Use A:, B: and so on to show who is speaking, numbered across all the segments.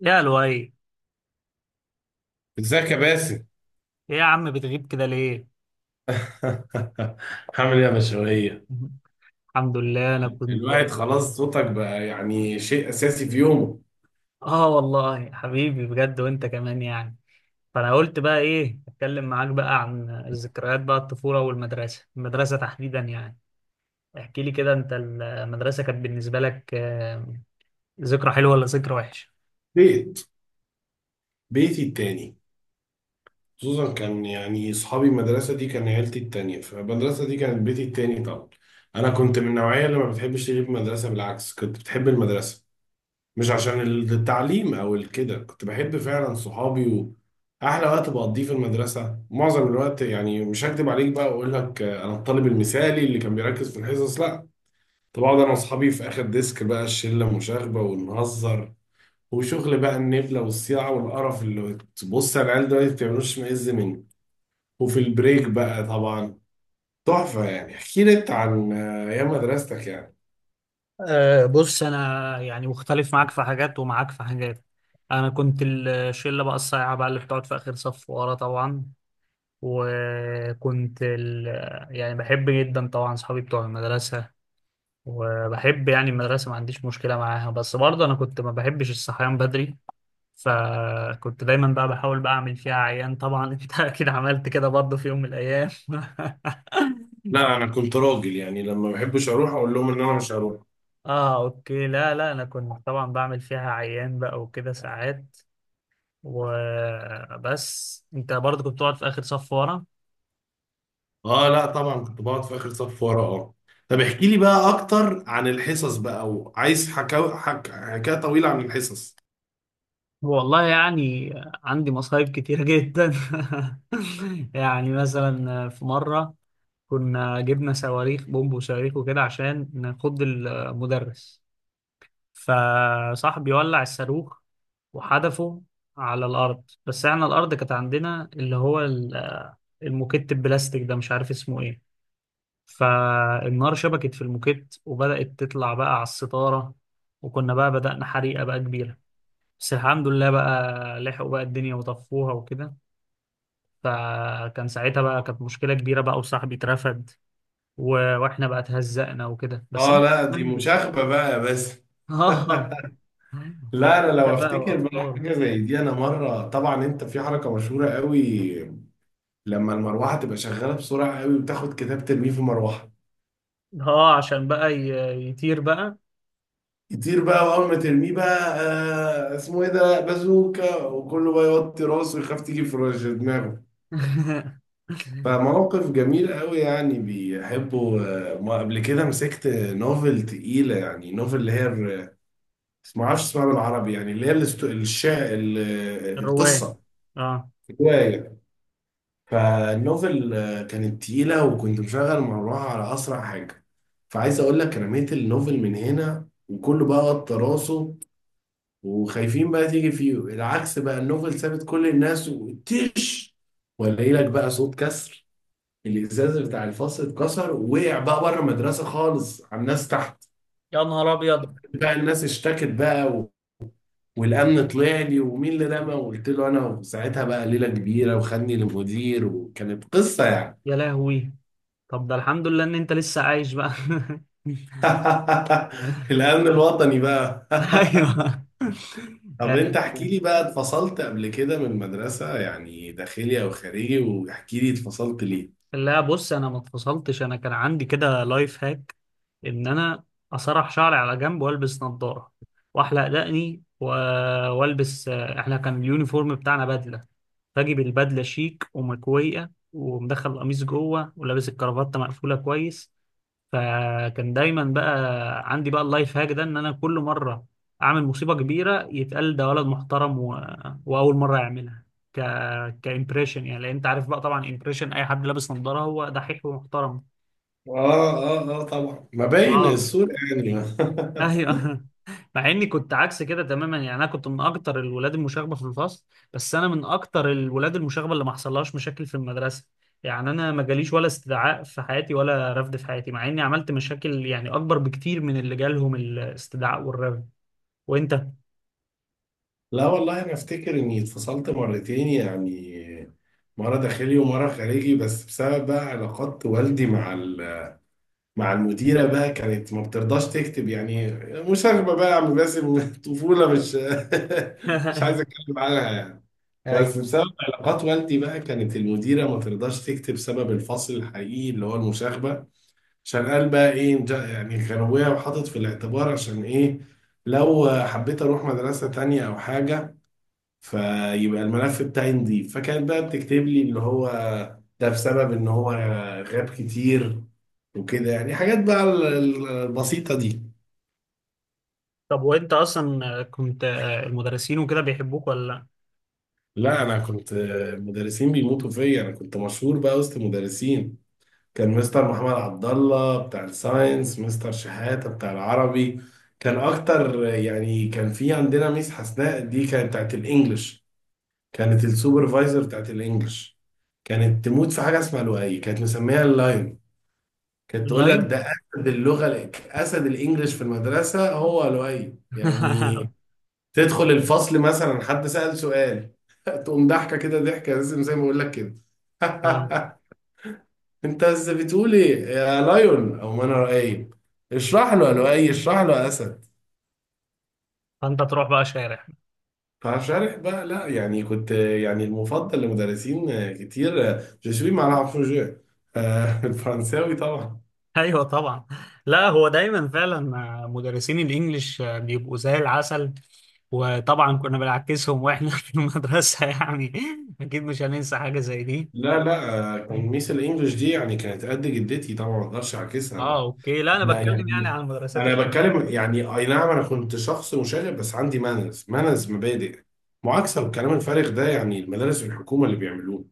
A: يا لؤي، ايه؟
B: ازيك يا باسم.
A: يا عم، بتغيب كده ليه؟
B: هعمل ايه يا مشوية؟
A: الحمد لله، انا
B: الواحد
A: كنت.
B: خلاص، صوتك بقى يعني شيء اساسي في يومه.
A: اه والله حبيبي، بجد، وانت كمان يعني. فانا قلت بقى ايه، اتكلم معاك بقى عن الذكريات بقى، الطفوله والمدرسه، المدرسه تحديدا يعني. احكي لي كده، انت المدرسه كانت بالنسبه لك ذكرى حلوه ولا ذكرى وحشه؟
B: بيت، بيتي التاني. خصوصا كان يعني اصحابي، المدرسه دي كان عيلتي التانيه، فالمدرسه دي كانت بيتي التاني طبعا. انا كنت من النوعيه اللي ما بتحبش تغيب مدرسه، بالعكس كنت بتحب المدرسه، مش عشان التعليم او الكده، كنت بحب فعلا صحابي واحلى وقت بقضيه في المدرسه معظم الوقت. يعني مش هكدب عليك بقى واقول لك انا الطالب المثالي اللي كان بيركز في الحصص، لا. طب اقعد انا واصحابي في اخر ديسك بقى، الشله مشاغبه ونهزر وشغل بقى، النبله والصياعه والقرف اللي تبص على العيال دلوقتي ما بتعملوش معز منه. وفي البريك بقى طبعا تحفه. يعني احكي لي انت عن ايام مدرستك يعني.
A: أه، بص، انا يعني مختلف معاك في حاجات ومعاك في حاجات. انا كنت الشله بقى الصايعه بقى اللي بتقعد في اخر صف ورا طبعا. وكنت ال... يعني بحب جدا طبعا صحابي بتوع المدرسة، وبحب يعني المدرسة، ما عنديش مشكلة معاها. بس برضه أنا كنت ما بحبش الصحيان بدري، فكنت دايما بقى بحاول بقى أعمل فيها عيان طبعا. أنت أكيد عملت كده برضه في يوم من الأيام.
B: لا انا كنت راجل يعني، لما ما بحبش اروح اقول لهم ان انا مش هروح.
A: اه اوكي، لا لا، انا كنت طبعا بعمل فيها عيان بقى وكده ساعات. وبس انت برضه كنت بتقعد في اخر صف ورا.
B: اه، لا طبعا كنت بقعد في اخر صف ورا، اه. طب احكي لي بقى اكتر عن الحصص بقى، وعايز حكاوي حكايه طويله عن الحصص.
A: والله يعني عندي مصايب كتيرة جدا. يعني مثلا في مرة كنا جبنا صواريخ بومب وصواريخ وكده عشان نخض المدرس، فصاحبي ولع الصاروخ وحدفه على الأرض. بس احنا الأرض كانت عندنا اللي هو الموكيت البلاستيك ده، مش عارف اسمه ايه. فالنار شبكت في الموكيت وبدأت تطلع بقى على الستارة، وكنا بقى بدأنا حريقة بقى كبيرة. بس الحمد لله بقى لحقوا بقى الدنيا وطفوها وكده. فكان ساعتها بقى كانت مشكلة كبيرة بقى وصاحبي اترفد. و... واحنا بقى اتهزقنا وكده. بس
B: اه
A: أنا
B: لا،
A: كان
B: دي
A: عندي
B: مشاغبه بقى بس.
A: اه
B: لا انا
A: أشركة
B: لو
A: بقى
B: افتكر بقى
A: وأطفال.
B: حاجه زي دي، انا مره، طبعا انت في حركه مشهوره قوي: لما المروحه تبقى شغاله بسرعه قوي وتاخد كتاب ترميه في مروحه
A: اه عشان بقى يطير بقى.
B: يطير بقى. واول ما ترميه بقى، اسمه ايه ده، بازوكا، وكله بقى يوطي راسه ويخاف تيجي في رش دماغه. فموقف جميل قوي يعني، بيحبه. ما قبل كده مسكت نوفل تقيله، يعني نوفل اللي هي ما اعرفش اسمها بالعربي، يعني اللي هي
A: الرواية.
B: القصه،
A: اه.
B: روايه. فالنوفل كانت تقيلة، وكنت مشغل مروحة على أسرع حاجة. فعايز أقول لك، أنا رميت النوفل من هنا وكله بقى قط راسه وخايفين بقى تيجي فيه. العكس بقى، النوفل سابت كل الناس وتش، ولاقي لك بقى صوت كسر الإزاز بتاع الفصل اتكسر ووقع بقى بره المدرسة خالص على الناس تحت.
A: يا نهار ابيض.
B: بقى الناس اشتكت بقى والأمن طلع لي ومين اللي رمى، وقلت له أنا. وساعتها بقى ليلة كبيرة، وخدني للمدير، وكانت قصة يعني.
A: يا لهوي، طب ده الحمد لله ان انت لسه عايش بقى.
B: الأمن الوطني بقى.
A: ايوه.
B: طب أنت احكي
A: آه،
B: لي بقى، اتفصلت قبل كده من المدرسة يعني، داخلي أو خارجي، واحكي لي اتفصلت ليه.
A: لا بص، انا ما اتفصلتش. انا كان عندي كده لايف هاك ان انا اسرح شعري على جنب والبس نظارة واحلق دقني والبس، احنا كان اليونيفورم بتاعنا بدلة، فاجيب البدلة شيك ومكوية ومدخل القميص جوه ولابس الكرافتة مقفولة كويس. فكان دايما بقى عندي بقى اللايف هاك ده، ان انا كل مره اعمل مصيبه كبيره يتقال ده ولد محترم، واول مره يعملها ك كامبريشن يعني، لان انت عارف بقى طبعا امبريشن اي حد لابس نظاره هو دحيح ومحترم.
B: آه آه آه، طبعا ما باين
A: اه
B: الصورة يعني.
A: ايوه. مع اني كنت عكس كده تماما يعني. انا كنت من اكتر الولاد المشاغبه في الفصل، بس انا من اكتر الولاد المشاغبه اللي ما حصلهاش مشاكل في المدرسه. يعني انا ما جاليش ولا استدعاء في حياتي ولا رفض في حياتي، مع اني عملت مشاكل يعني اكبر بكتير من اللي جالهم الاستدعاء والرفض. وانت؟
B: لا والله أنا أفتكر إني اتفصلت مرتين يعني، مرة داخلي ومرة خارجي، بس بسبب بقى علاقات والدي مع مع المديرة بقى، كانت ما بترضاش تكتب يعني مشاغبة بقى يا عم باسم. طفولة، مش مش عايز أتكلم عنها يعني. بس
A: ايوه.
B: بسبب علاقات والدي بقى، كانت المديرة ما ترضاش تكتب سبب الفصل الحقيقي اللي هو المشاغبة، عشان قال بقى ايه، يعني غروية، وحاطط في الاعتبار عشان ايه لو حبيت اروح مدرسة تانية او حاجة، فيبقى الملف بتاعي نضيف. فكانت بقى بتكتب لي اللي هو ده بسبب ان هو غاب كتير وكده. يعني حاجات بقى البسيطة دي.
A: طب وانت اصلا كنت المدرسين وكده بيحبوك ولا لا؟
B: لا انا كنت، مدرسين بيموتوا فيا، انا كنت مشهور بقى وسط مدرسين. كان مستر محمد عبد الله بتاع الساينس، مستر شحاتة بتاع العربي كان اكتر يعني. كان في عندنا ميس حسناء، دي كانت بتاعت الانجليش، كانت السوبرفايزر بتاعت الانجليش، كانت تموت في حاجه اسمها لؤي، كانت مسميها اللاين. كانت تقول لك ده
A: اللاين.
B: اسد اللغه، اسد الانجليش في المدرسه هو لؤي يعني. تدخل الفصل مثلا، حد سأل سؤال، تقوم ضحكه كده، ضحكه لازم زي ما بقول لك كده.
A: اه،
B: انت بس بتقول ايه يا لايون، او ما انا رأيب، اشرح له يا لؤي، اشرح له يا اسد.
A: فانت تروح بقى شارع.
B: فشارح بقى. لا يعني كنت يعني المفضل لمدرسين كتير، جو سوي مع العفو جو. الفرنساوي طبعا.
A: ايوه طبعا. لا هو دايما فعلا مدرسين الانجليش بيبقوا زي العسل. وطبعا كنا بنعكسهم واحنا في المدرسه يعني. اكيد مش هننسى حاجه زي دي.
B: لا لا، كان ميس الانجليش دي يعني كانت قد جدتي طبعا، ما اقدرش اعكسها
A: اه
B: انا.
A: اوكي، لا انا
B: انا
A: بتكلم يعني
B: يعني،
A: عن المدرسات
B: انا
A: الشاذة.
B: بتكلم يعني، اي نعم انا كنت شخص مشاغب، بس عندي مانز مبادئ. معاكسه والكلام الفارغ ده يعني المدارس الحكومه اللي بيعملوه.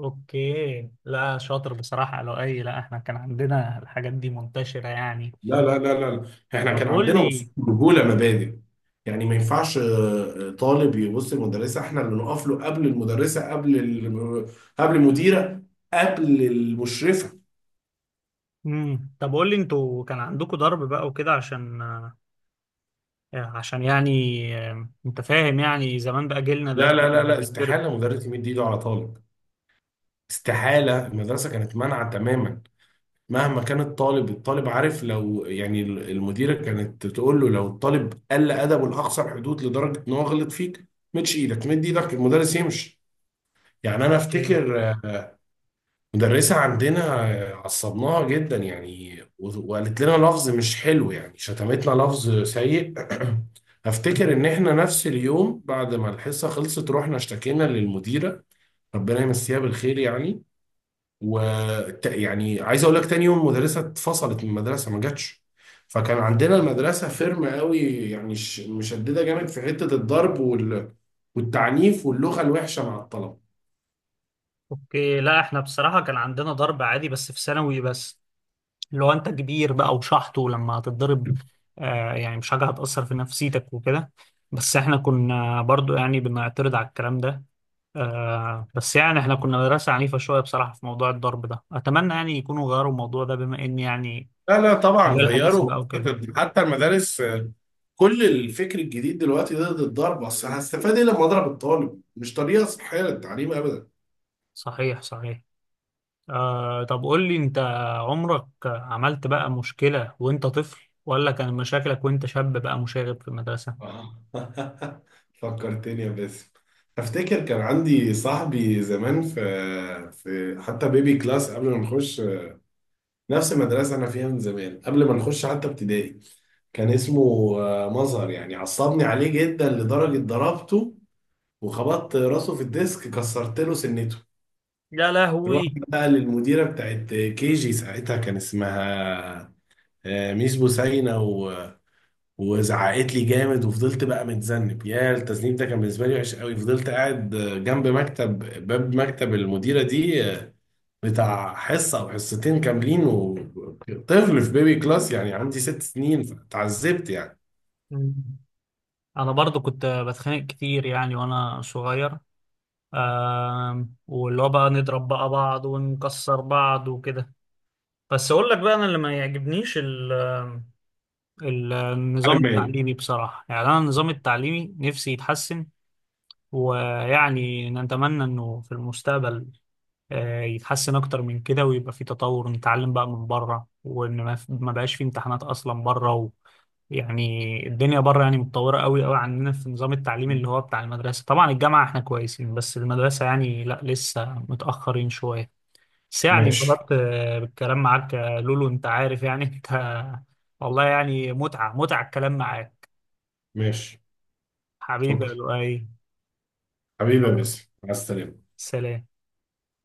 A: اوكي، لا شاطر بصراحه. لو اي، لا احنا كان عندنا الحاجات دي منتشره يعني.
B: لا لا لا لا، احنا
A: طب
B: كان
A: قول
B: عندنا اصول،
A: لي.
B: رجوله، مبادئ. يعني ما ينفعش طالب يبص للمدرسه، احنا اللي نقف له قبل المدرسه، قبل قبل المديره، قبل المشرفه.
A: طب قول لي، انتوا كان عندكم ضرب بقى وكده عشان عشان يعني انت فاهم، يعني زمان بقى جيلنا ده
B: لا
A: كان
B: لا لا لا،
A: بيتضرب.
B: استحاله مدرس يمد ايده على طالب، استحاله، المدرسه كانت مانعه تماما. مهما كان الطالب، الطالب عارف، لو يعني المديره كانت تقول له، لو الطالب قل ادبه لاقصى الحدود لدرجه ان هو غلط فيك، مدش ايدك، مد ايدك المدرس يمشي. يعني انا افتكر مدرسة عندنا عصبناها جدا يعني، وقالت لنا لفظ مش حلو، يعني شتمتنا لفظ سيء. افتكر ان احنا نفس اليوم بعد ما الحصة خلصت رحنا اشتكينا للمديرة، ربنا يمسيها بالخير يعني، و يعني عايز اقول لك، تاني يوم المدرسة اتفصلت من المدرسة، ما جاتش. فكان عندنا المدرسة فيرم قوي، يعني مشددة جامد في حتة الضرب والتعنيف واللغة الوحشة مع الطلبة.
A: اوكي، لا احنا بصراحة كان عندنا ضرب عادي بس في ثانوي بس، اللي هو انت كبير بقى وشحط، ولما هتتضرب آه يعني مش حاجة هتأثر في نفسيتك وكده. بس احنا كنا برضو يعني بنعترض على الكلام ده. آه بس يعني احنا كنا مدرسة عنيفة شوية بصراحة في موضوع الضرب ده، اتمنى يعني يكونوا غيروا الموضوع ده بما ان يعني
B: لا لا طبعا
A: البيئة الحديثة
B: غيروا،
A: بقى وكده.
B: حتى المدارس، كل الفكر الجديد دلوقتي ده ضد الضرب. اصل هستفاد ايه لما اضرب الطالب؟ مش طريقه صحيه للتعليم ابدا.
A: صحيح صحيح. آه طب قول لي انت، عمرك عملت بقى مشكلة وانت طفل، ولا كان مشاكلك وانت شاب بقى مشاغب في المدرسة؟
B: آه. فكرتني يا باسم، افتكر كان عندي صاحبي زمان في، في حتى بيبي كلاس، قبل ما نخش، نفس المدرسه انا فيها من زمان، قبل ما نخش حتى ابتدائي. كان اسمه مظهر. يعني عصبني عليه جدا لدرجه ضربته وخبطت راسه في الديسك، كسرت له سنته.
A: يا
B: رحت
A: لهوي.
B: بقى للمديره بتاعت KG، ساعتها كان اسمها ميس بوسينا، وزعقت لي جامد، وفضلت بقى متذنب. يا التذنيب ده كان بالنسبه لي وحش قوي، فضلت قاعد جنب مكتب، باب مكتب المديره دي بتاع حصه او حصتين كاملين، وطفل في بيبي كلاس يعني عندي 6 سنين، فتعذبت يعني.
A: مم. انا برضو كنت بتخانق كتير يعني وانا صغير، واللي هو بقى نضرب بقى بعض ونكسر بعض وكده. بس اقول لك بقى، انا اللي ما يعجبنيش النظام
B: على ماشي.
A: التعليمي بصراحة. يعني انا النظام التعليمي نفسي يتحسن، ويعني نتمنى انه في المستقبل يتحسن اكتر من كده، ويبقى في تطور، نتعلم بقى من بره وان ما بقاش في امتحانات اصلا بره. يعني الدنيا بره يعني متطورة قوي قوي عننا في نظام التعليم، اللي هو بتاع المدرسة طبعا. الجامعة احنا كويسين بس المدرسة يعني لا، لسه متأخرين شوية. بس يعني
B: ماشي.
A: انبسطت بالكلام معاك يا لولو، انت عارف يعني. انت والله يعني متعة متعة الكلام معاك،
B: ماشي.
A: حبيبي
B: شكرا.
A: يا لؤي.
B: حبيبي يا باسم، مع السلامه.
A: سلام.